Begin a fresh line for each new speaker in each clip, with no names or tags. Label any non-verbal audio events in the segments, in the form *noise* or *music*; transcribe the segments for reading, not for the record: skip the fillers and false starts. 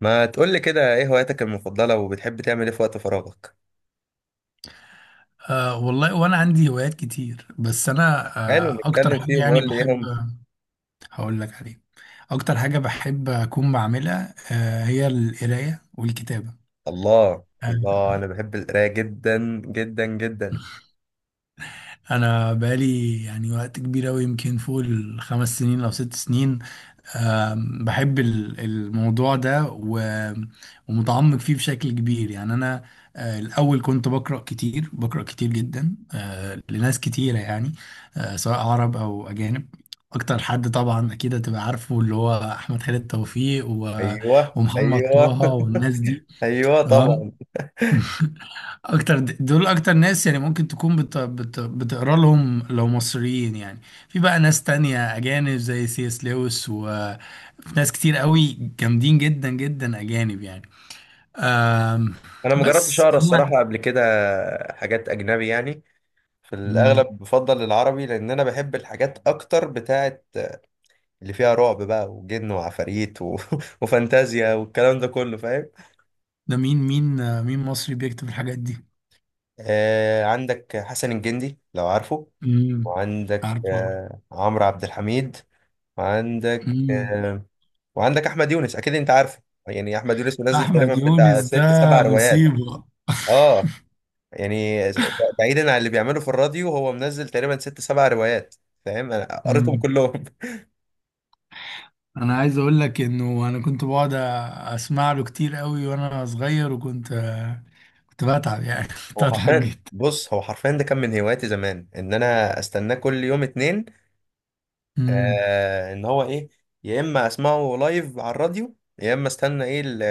ما تقول لي كده ايه هواياتك المفضلة وبتحب تعمل ايه في وقت فراغك؟
والله وانا عندي هوايات كتير، بس انا
حلو،
اكتر
نتكلم
حاجه
فيهم
يعني
وقول لي ايه
بحب.
هم.
هقول لك عليه. اكتر حاجه بحب اكون بعملها هي القرايه والكتابه.
الله
أه
الله، انا بحب القراية جدا جدا جدا.
انا بقالي يعني وقت كبير اوي، يمكن فوق ال5 سنين او 6 سنين. بحب الموضوع ده ومتعمق فيه بشكل كبير. يعني أنا الأول كنت بقرأ كتير، بقرأ كتير جدا، لناس كتيرة يعني، سواء عرب أو أجانب. أكتر حد طبعا أكيد هتبقى عارفه اللي هو أحمد خالد توفيق
ايوه
ومحمد طه
ايوه. *laughs*
والناس دي.
ايوه طبعا.
تمام. اكتر دول اكتر ناس يعني ممكن تكون بتقرا لهم لو مصريين يعني. في بقى ناس تانية اجانب زي سي اس لويس، وفي ناس كتير قوي جامدين جدا جدا اجانب يعني. أم...
انا ما جربتش
بس
اقرا
انا.
الصراحة قبل كده حاجات اجنبي يعني. في الاغلب
مم.
بفضل العربي لان انا بحب الحاجات اكتر بتاعت اللي فيها رعب بقى وجن وعفاريت *laughs* وفانتازيا والكلام ده كله فاهم.
ده مين مصري بيكتب الحاجات دي؟
عندك حسن الجندي لو عارفه.
امم.
وعندك
عارفه.
عمرو عبد الحميد. وعندك
امم.
وعندك احمد يونس اكيد انت عارفه. يعني احمد يونس منزل تقريبا
احمد
بتاع
يونس ده
ست سبع روايات.
مصيبة.
اه، يعني بعيدا عن اللي بيعمله في الراديو هو منزل تقريبا ست سبع روايات، فاهم، انا قريتهم
مم.
كلهم.
انا عايز اقول لك انه انا كنت بقعد اسمع له كتير قوي وانا صغير، وكنت كنت بتعب يعني، *laughs*
*laughs*
كنت
هو
بتعب
حرفيا،
جدا.
بص، هو حرفيا ده كان من هواياتي زمان ان انا استناه كل يوم اتنين.
امم.
ان هو ايه، يا اما اسمعه لايف على الراديو، يا اما استنى ايه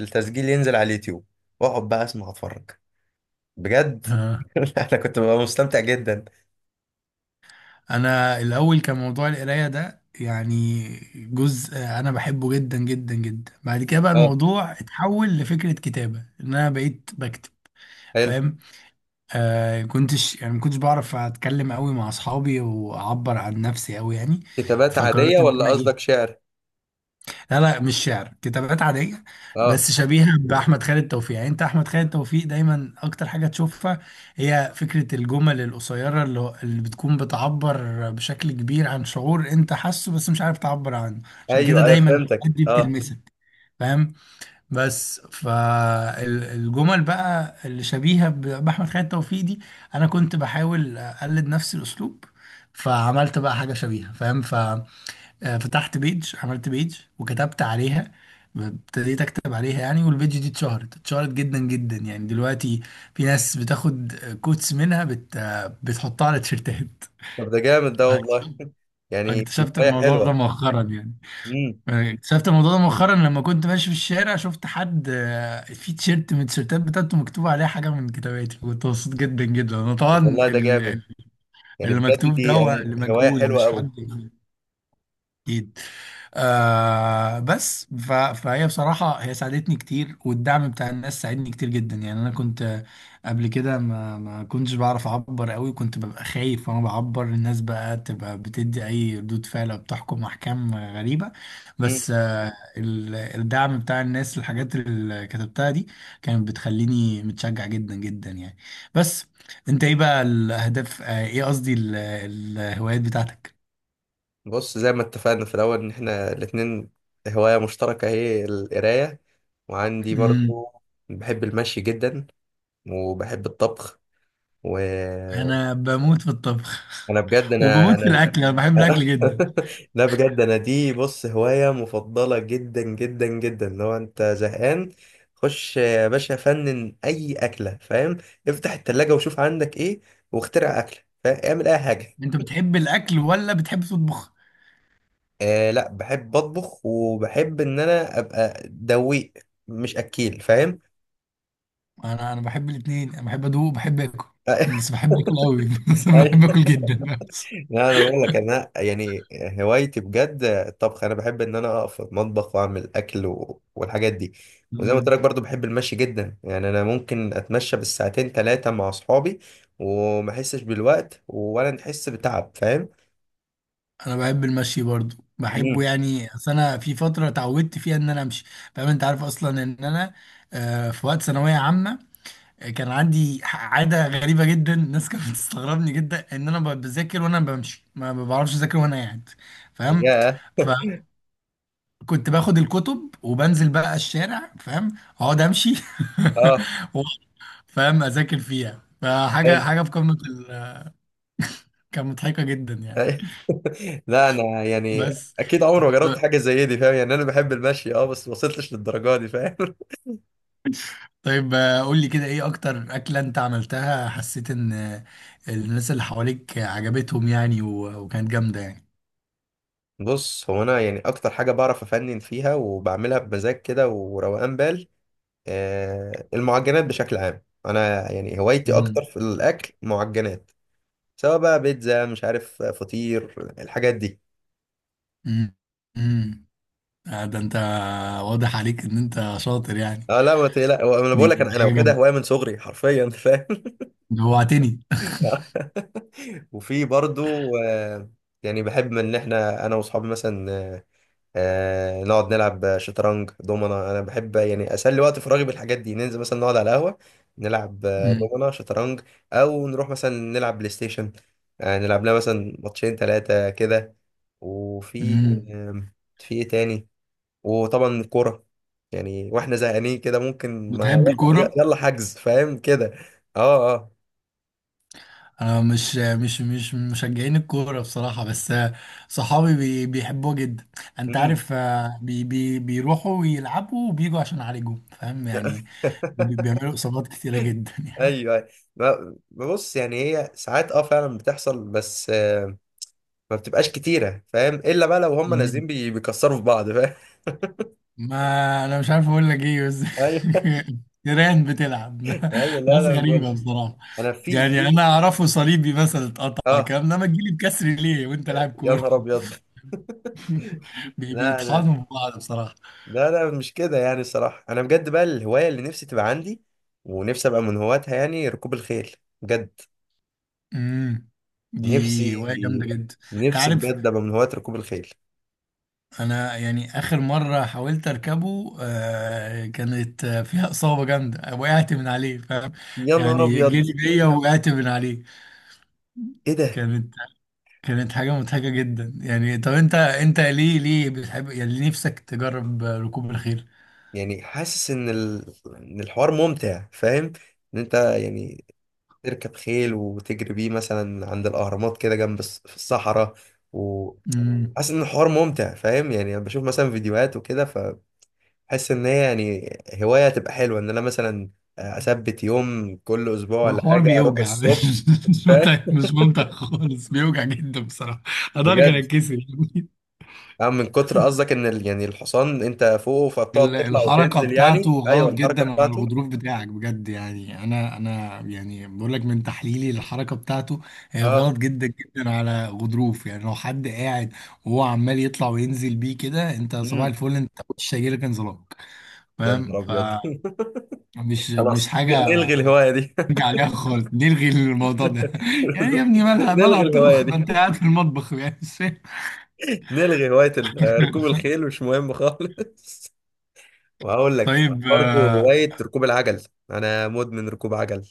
التسجيل ينزل على اليوتيوب واقعد بقى اسمع اتفرج، بجد.
آه.
*laughs* انا كنت ببقى مستمتع جدا.
انا الاول كان موضوع القرايه ده يعني جزء انا بحبه جدا جدا جدا. بعد كده بقى
اه،
الموضوع اتحول لفكره كتابه، ان انا بقيت بكتب.
حلو.
فاهم، كنتش يعني ما كنتش بعرف اتكلم قوي مع اصحابي واعبر عن نفسي قوي يعني.
كتابات عادية
فقررت ان
ولا
انا ايه.
قصدك شعر؟
لا لا، مش شعر، كتابات عادية.
اه،
بس شبيهة بأحمد خالد توفيق. يعني أنت أحمد خالد توفيق دايما أكتر حاجة تشوفها هي فكرة الجمل القصيرة اللي بتكون بتعبر بشكل كبير عن شعور أنت حاسه بس مش عارف تعبر عنه. عشان كده
ايوه ايوه
دايما
فهمتك،
الحاجات دي
اه.
بتلمسك. فاهم. بس فالجمل بقى اللي شبيهة بأحمد خالد توفيق دي، أنا كنت بحاول أقلد نفس الأسلوب. فعملت بقى حاجة شبيهة. فاهم. فتحت بيج، عملت بيج وكتبت عليها، ابتديت اكتب عليها يعني. والبيج دي اتشهرت جدا جدا يعني. دلوقتي في ناس بتاخد كوتس منها، بت... آه، بتحطها على تيشيرتات.
طب ده جامد، ده والله.
*laughs*
*laughs* يعني دي
اكتشفت
هواية
الموضوع ده
حلوة.
مؤخرا يعني.
امم.
اكتشفت الموضوع ده مؤخرا، لما كنت ماشي في الشارع شفت حد في تيشيرت من التيشيرتات بتاعته مكتوب عليه حاجة من كتاباتي. كنت مبسوط جدا جدا انا طبعا.
طب والله ده
ال- ال-
جامد، يعني
اللي
بجد
مكتوب ده
دي
هو
انا
اللي
هواية
مجهول،
حلوة
مش
قوي.
حد اكيد. فهي بصراحه هي ساعدتني كتير، والدعم بتاع الناس ساعدني كتير جدا يعني. انا كنت قبل كده ما كنتش بعرف اعبر قوي، كنت ببقى خايف وانا بعبر. الناس بقى تبقى بتدي اي ردود فعل أو بتحكم احكام غريبه.
امم.
بس الدعم بتاع الناس، الحاجات اللي كتبتها دي، كانت بتخليني متشجع جدا جدا يعني. بس انت ايه بقى الاهداف، ايه قصدي الهوايات بتاعتك؟
بص، زي ما اتفقنا في الاول ان احنا الاتنين هواية مشتركة هي القراية. وعندي
مم.
برضو بحب المشي جدا، وبحب الطبخ. وانا
انا بموت في الطبخ *laughs*
بجد انا
وبموت في
انا
الاكل، انا بحب الاكل
*laughs*
جدا.
لا، بجد، انا دي بص هواية مفضلة جدا جدا جدا. لو انت زهقان خش يا باشا فنن اي اكلة، فاهم. افتح التلاجة وشوف عندك ايه واخترع اكلة، فاهم، اعمل اي حاجة.
انت بتحب الاكل ولا بتحب تطبخ؟
لا، بحب اطبخ وبحب ان انا ابقى دويق مش اكيل، فاهم.
انا بحب الاثنين. انا بحب ادوق وبحب اكل. بس
*laughs*
بحب اكل قوي *laughs* بس أنا بحب اكل جدا بس.
لا انا بقول لك، انا يعني هوايتي بجد الطبخ. انا بحب ان انا اقف في المطبخ واعمل اكل والحاجات دي. وزي ما قلت
مم.
لك برضو بحب المشي جدا، يعني انا ممكن اتمشى بالساعتين ثلاثه مع اصحابي وما احسش بالوقت ولا نحس بتعب، فاهم.
انا بحب المشي برضو، بحبه
امم.
يعني. اصل انا في فتره اتعودت فيها ان انا امشي. فاهم، انت عارف اصلا ان انا في وقت ثانويه عامه، كان عندي عاده غريبه جدا. الناس كانت بتستغربني جدا ان انا بذاكر وانا بمشي. ما بعرفش اذاكر وانا قاعد. فاهم،
يا
كنت باخد الكتب وبنزل بقى الشارع. فاهم، اقعد امشي
اه،
*laughs* و- فاهم اذاكر فيها. فحاجه
حلو.
حاجه في قمه كانت مضحكه جدا يعني.
*laughs* لا انا يعني
بس
اكيد عمري ما جربت
طب-
حاجه زي دي، فاهم يعني. انا بحب المشي، اه، بس ما وصلتش للدرجه دي، فاهم. *laughs*
طيب، قول لي كده ايه اكتر اكله انت عملتها حسيت ان الناس اللي حواليك عجبتهم يعني، وكانت جامده يعني؟
بص، هو انا يعني اكتر حاجه بعرف افنن فيها وبعملها بمزاج كده وروقان بال، المعجنات بشكل عام. انا يعني هوايتي اكتر
امم.
في الاكل معجنات. سواء بقى بيتزا، مش عارف، فطير، الحاجات دي.
امم. أمم. ده انت واضح عليك ان انت شاطر يعني.
اه لا ما تقلق، هو انا
دي
بقول لك انا
حاجه
واخدها
جامده،
هوايه من صغري حرفيا، انت فاهم.
جوعتني.
*laughs* وفي برضو، يعني بحب ان احنا انا واصحابي مثلا نقعد نلعب شطرنج دومنا. انا بحب يعني اسلي وقت فراغي بالحاجات دي. ننزل مثلا نقعد على قهوه نلعب
امم.
دومنا شطرنج. او نروح مثلا نلعب بلاي ستيشن، نلعب لنا مثلا ماتشين ثلاثه كده. وفي
أمم.
آم، في ايه تاني؟ وطبعا الكوره، يعني واحنا زهقانين كده ممكن ما
بتحب
يلا
الكوره؟
يلا حجز، فاهم كده. اه اه.
انا مش من مشجعين الكوره بصراحه، بس صحابي بيحبوه جدا. انت
مم.
عارف، آه، بي بي بيروحوا ويلعبوا وبيجوا عشان يعالجوا. فاهم يعني،
*laughs*
بيعملوا اصابات كتيره جدا *laughs* يعني.
ايوه، أيوة. بص، يعني هي ساعات فعلا بتحصل، بس ما بتبقاش كتيره، فاهم، الا بقى لو هم
مم.
نازلين بيكسروا في بعض، فاهم.
ما انا مش عارف اقول لك ايه بس،
*laughs* ايوه
*laughs* تيران بتلعب.
ايوه،
*laughs*
لا
ناس
لا، أنا بقول
غريبه بصراحه.
انا في
يعني انا
في
اعرفه صليبي مثلا اتقطع،
اه،
كام انما تجيلي بكسر ليه وانت لاعب
يا
كوره؟
نهار ابيض.
*laughs*
لا انا،
بيطحنوا في بعض بصراحه.
لا لا مش كده يعني. الصراحه انا بجد بقى الهوايه اللي نفسي تبقى عندي ونفسي ابقى من هواتها يعني ركوب الخيل. بجد،
امم. دي
نفسي،
هواية جامدة جدا. انت
نفسي
عارف،
بجد ابقى من هواة ركوب الخيل.
انا يعني اخر مرة حاولت اركبه كانت فيها اصابة جامدة، وقعت من عليه. فاهم،
يا نهار
يعني
ابيض،
جري بيا، وقعت من عليه.
ايه ده؟
كانت كانت حاجة مضحكة جدا يعني. طب انت ليه بتحب، يعني ليه نفسك تجرب ركوب الخيل؟
يعني حاسس ان ان الحوار ممتع، فاهم. ان انت يعني تركب خيل وتجري بيه مثلا عند الأهرامات كده جنب في الصحراء.
امم.
وحاسس إن الحوار ممتع، فاهم. يعني أنا بشوف مثلا فيديوهات وكده فبحس إن هي يعني هواية تبقى حلوة، إن أنا مثلا أثبت يوم كل أسبوع
هو
ولا
حوار
حاجة أروح
بيوجع، *laughs*
الصبح،
مش ممتع،
فاهم،
مش ممتع خالص، بيوجع جدا بصراحة. اداري كان
بجد.
اتكسر. *laughs*
أه، من كتر، قصدك إن يعني الحصان أنت فوقه فبتقعد تطلع
الحركة
وتنزل،
بتاعته
يعني أيوه
غلط
الحركة
جدا على
بتاعته.
الغضروف بتاعك بجد. يعني انا يعني بقول لك من تحليلي، الحركة بتاعته هي
أه.
غلط جدا جدا على غضروف. يعني لو حد قاعد وهو عمال يطلع وينزل بيه كده، انت صباح
امم.
الفل، انت وش هيجيلك انزلاق.
يا
فاهم،
نهار أبيض. *laughs*
فمش
خلاص،
مش حاجة
نلغي الهواية دي.
نرجع عليها خالص. نلغي الموضوع ده. *laughs* يعني يا
*laughs*
ابني مالها مالها
نلغي الهواية
الطبخ، ما
دي،
انت قاعد في المطبخ يعني، مش فاهم.
نلغي هواية ركوب
*laughs*
الخيل، مش مهم خالص. *laughs* وهقول لك في
طيب،
برضه هواية ركوب العجل. أنا مدمن ركوب عجل.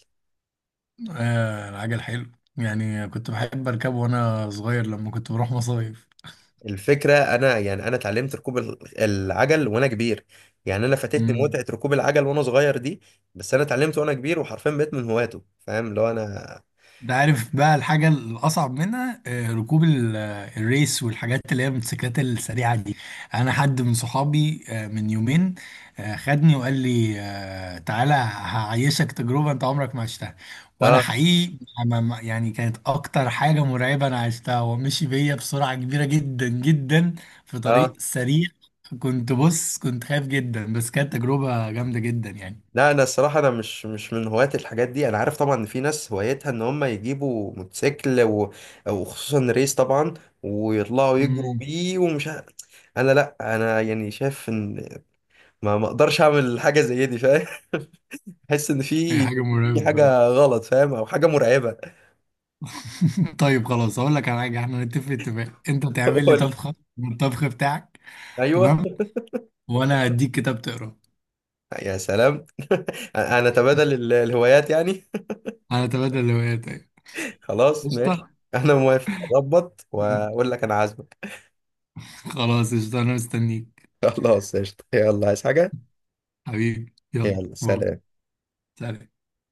آه، العجل حلو. يعني كنت بحب اركبه وانا صغير لما كنت بروح مصايف.
الفكرة أنا يعني أنا اتعلمت ركوب العجل وأنا كبير. يعني أنا فاتتني
مم.
متعة ركوب العجل وأنا صغير دي. بس أنا اتعلمت وأنا كبير وحرفيا بقيت من هواته، فاهم، اللي هو أنا.
ده عارف بقى الحاجة الأصعب منها، ركوب الريس والحاجات اللي هي الموتوسيكلات السريعة دي. أنا حد من صحابي من يومين خدني وقال لي تعالى هعيشك تجربة أنت عمرك ما عشتها. وأنا
آه،
حقيقي يعني كانت أكتر حاجة مرعبة أنا عشتها، ومشي بيا بسرعة كبيرة جدا جدا في طريق
آه.
سريع. بص، كنت خايف جدا، بس كانت تجربة جامدة جدا يعني.
لا انا الصراحه انا مش من هواة الحاجات دي. انا عارف طبعا ان في ناس هوايتها ان هم يجيبوا موتوسيكل وخصوصا ريس طبعا، ويطلعوا يجروا
امم.
بيه ومش انا، لا، انا يعني شايف ان ما اقدرش اعمل حاجه زي دي، فاهم. *laughs* احس ان
هي
في
حاجة
في
مرعبة.
حاجه غلط، فاهم، او حاجه مرعبه.
*laughs* طيب خلاص، اقول لك على حاجه احنا نتفق اتفاق: انت
*laughs*
تعمل لي
قول لي.
طبخه من الطبخ بتاعك.
ايوه.
تمام، وانا هديك كتاب تقراه.
يا سلام. *laughs* انا تبادل الهوايات يعني.
هنتبادل الهوايات، ايوه.
*laughs* خلاص ماشي،
قشطه.
انا موافق، اضبط واقول لك انا عازمك.
خلاص قشطه، انا مستنيك.
*laughs* خلاص قشطه، يلا عايز حاجه؟
حبيبي، يلا
يلا
باي.
سلام.
سلام.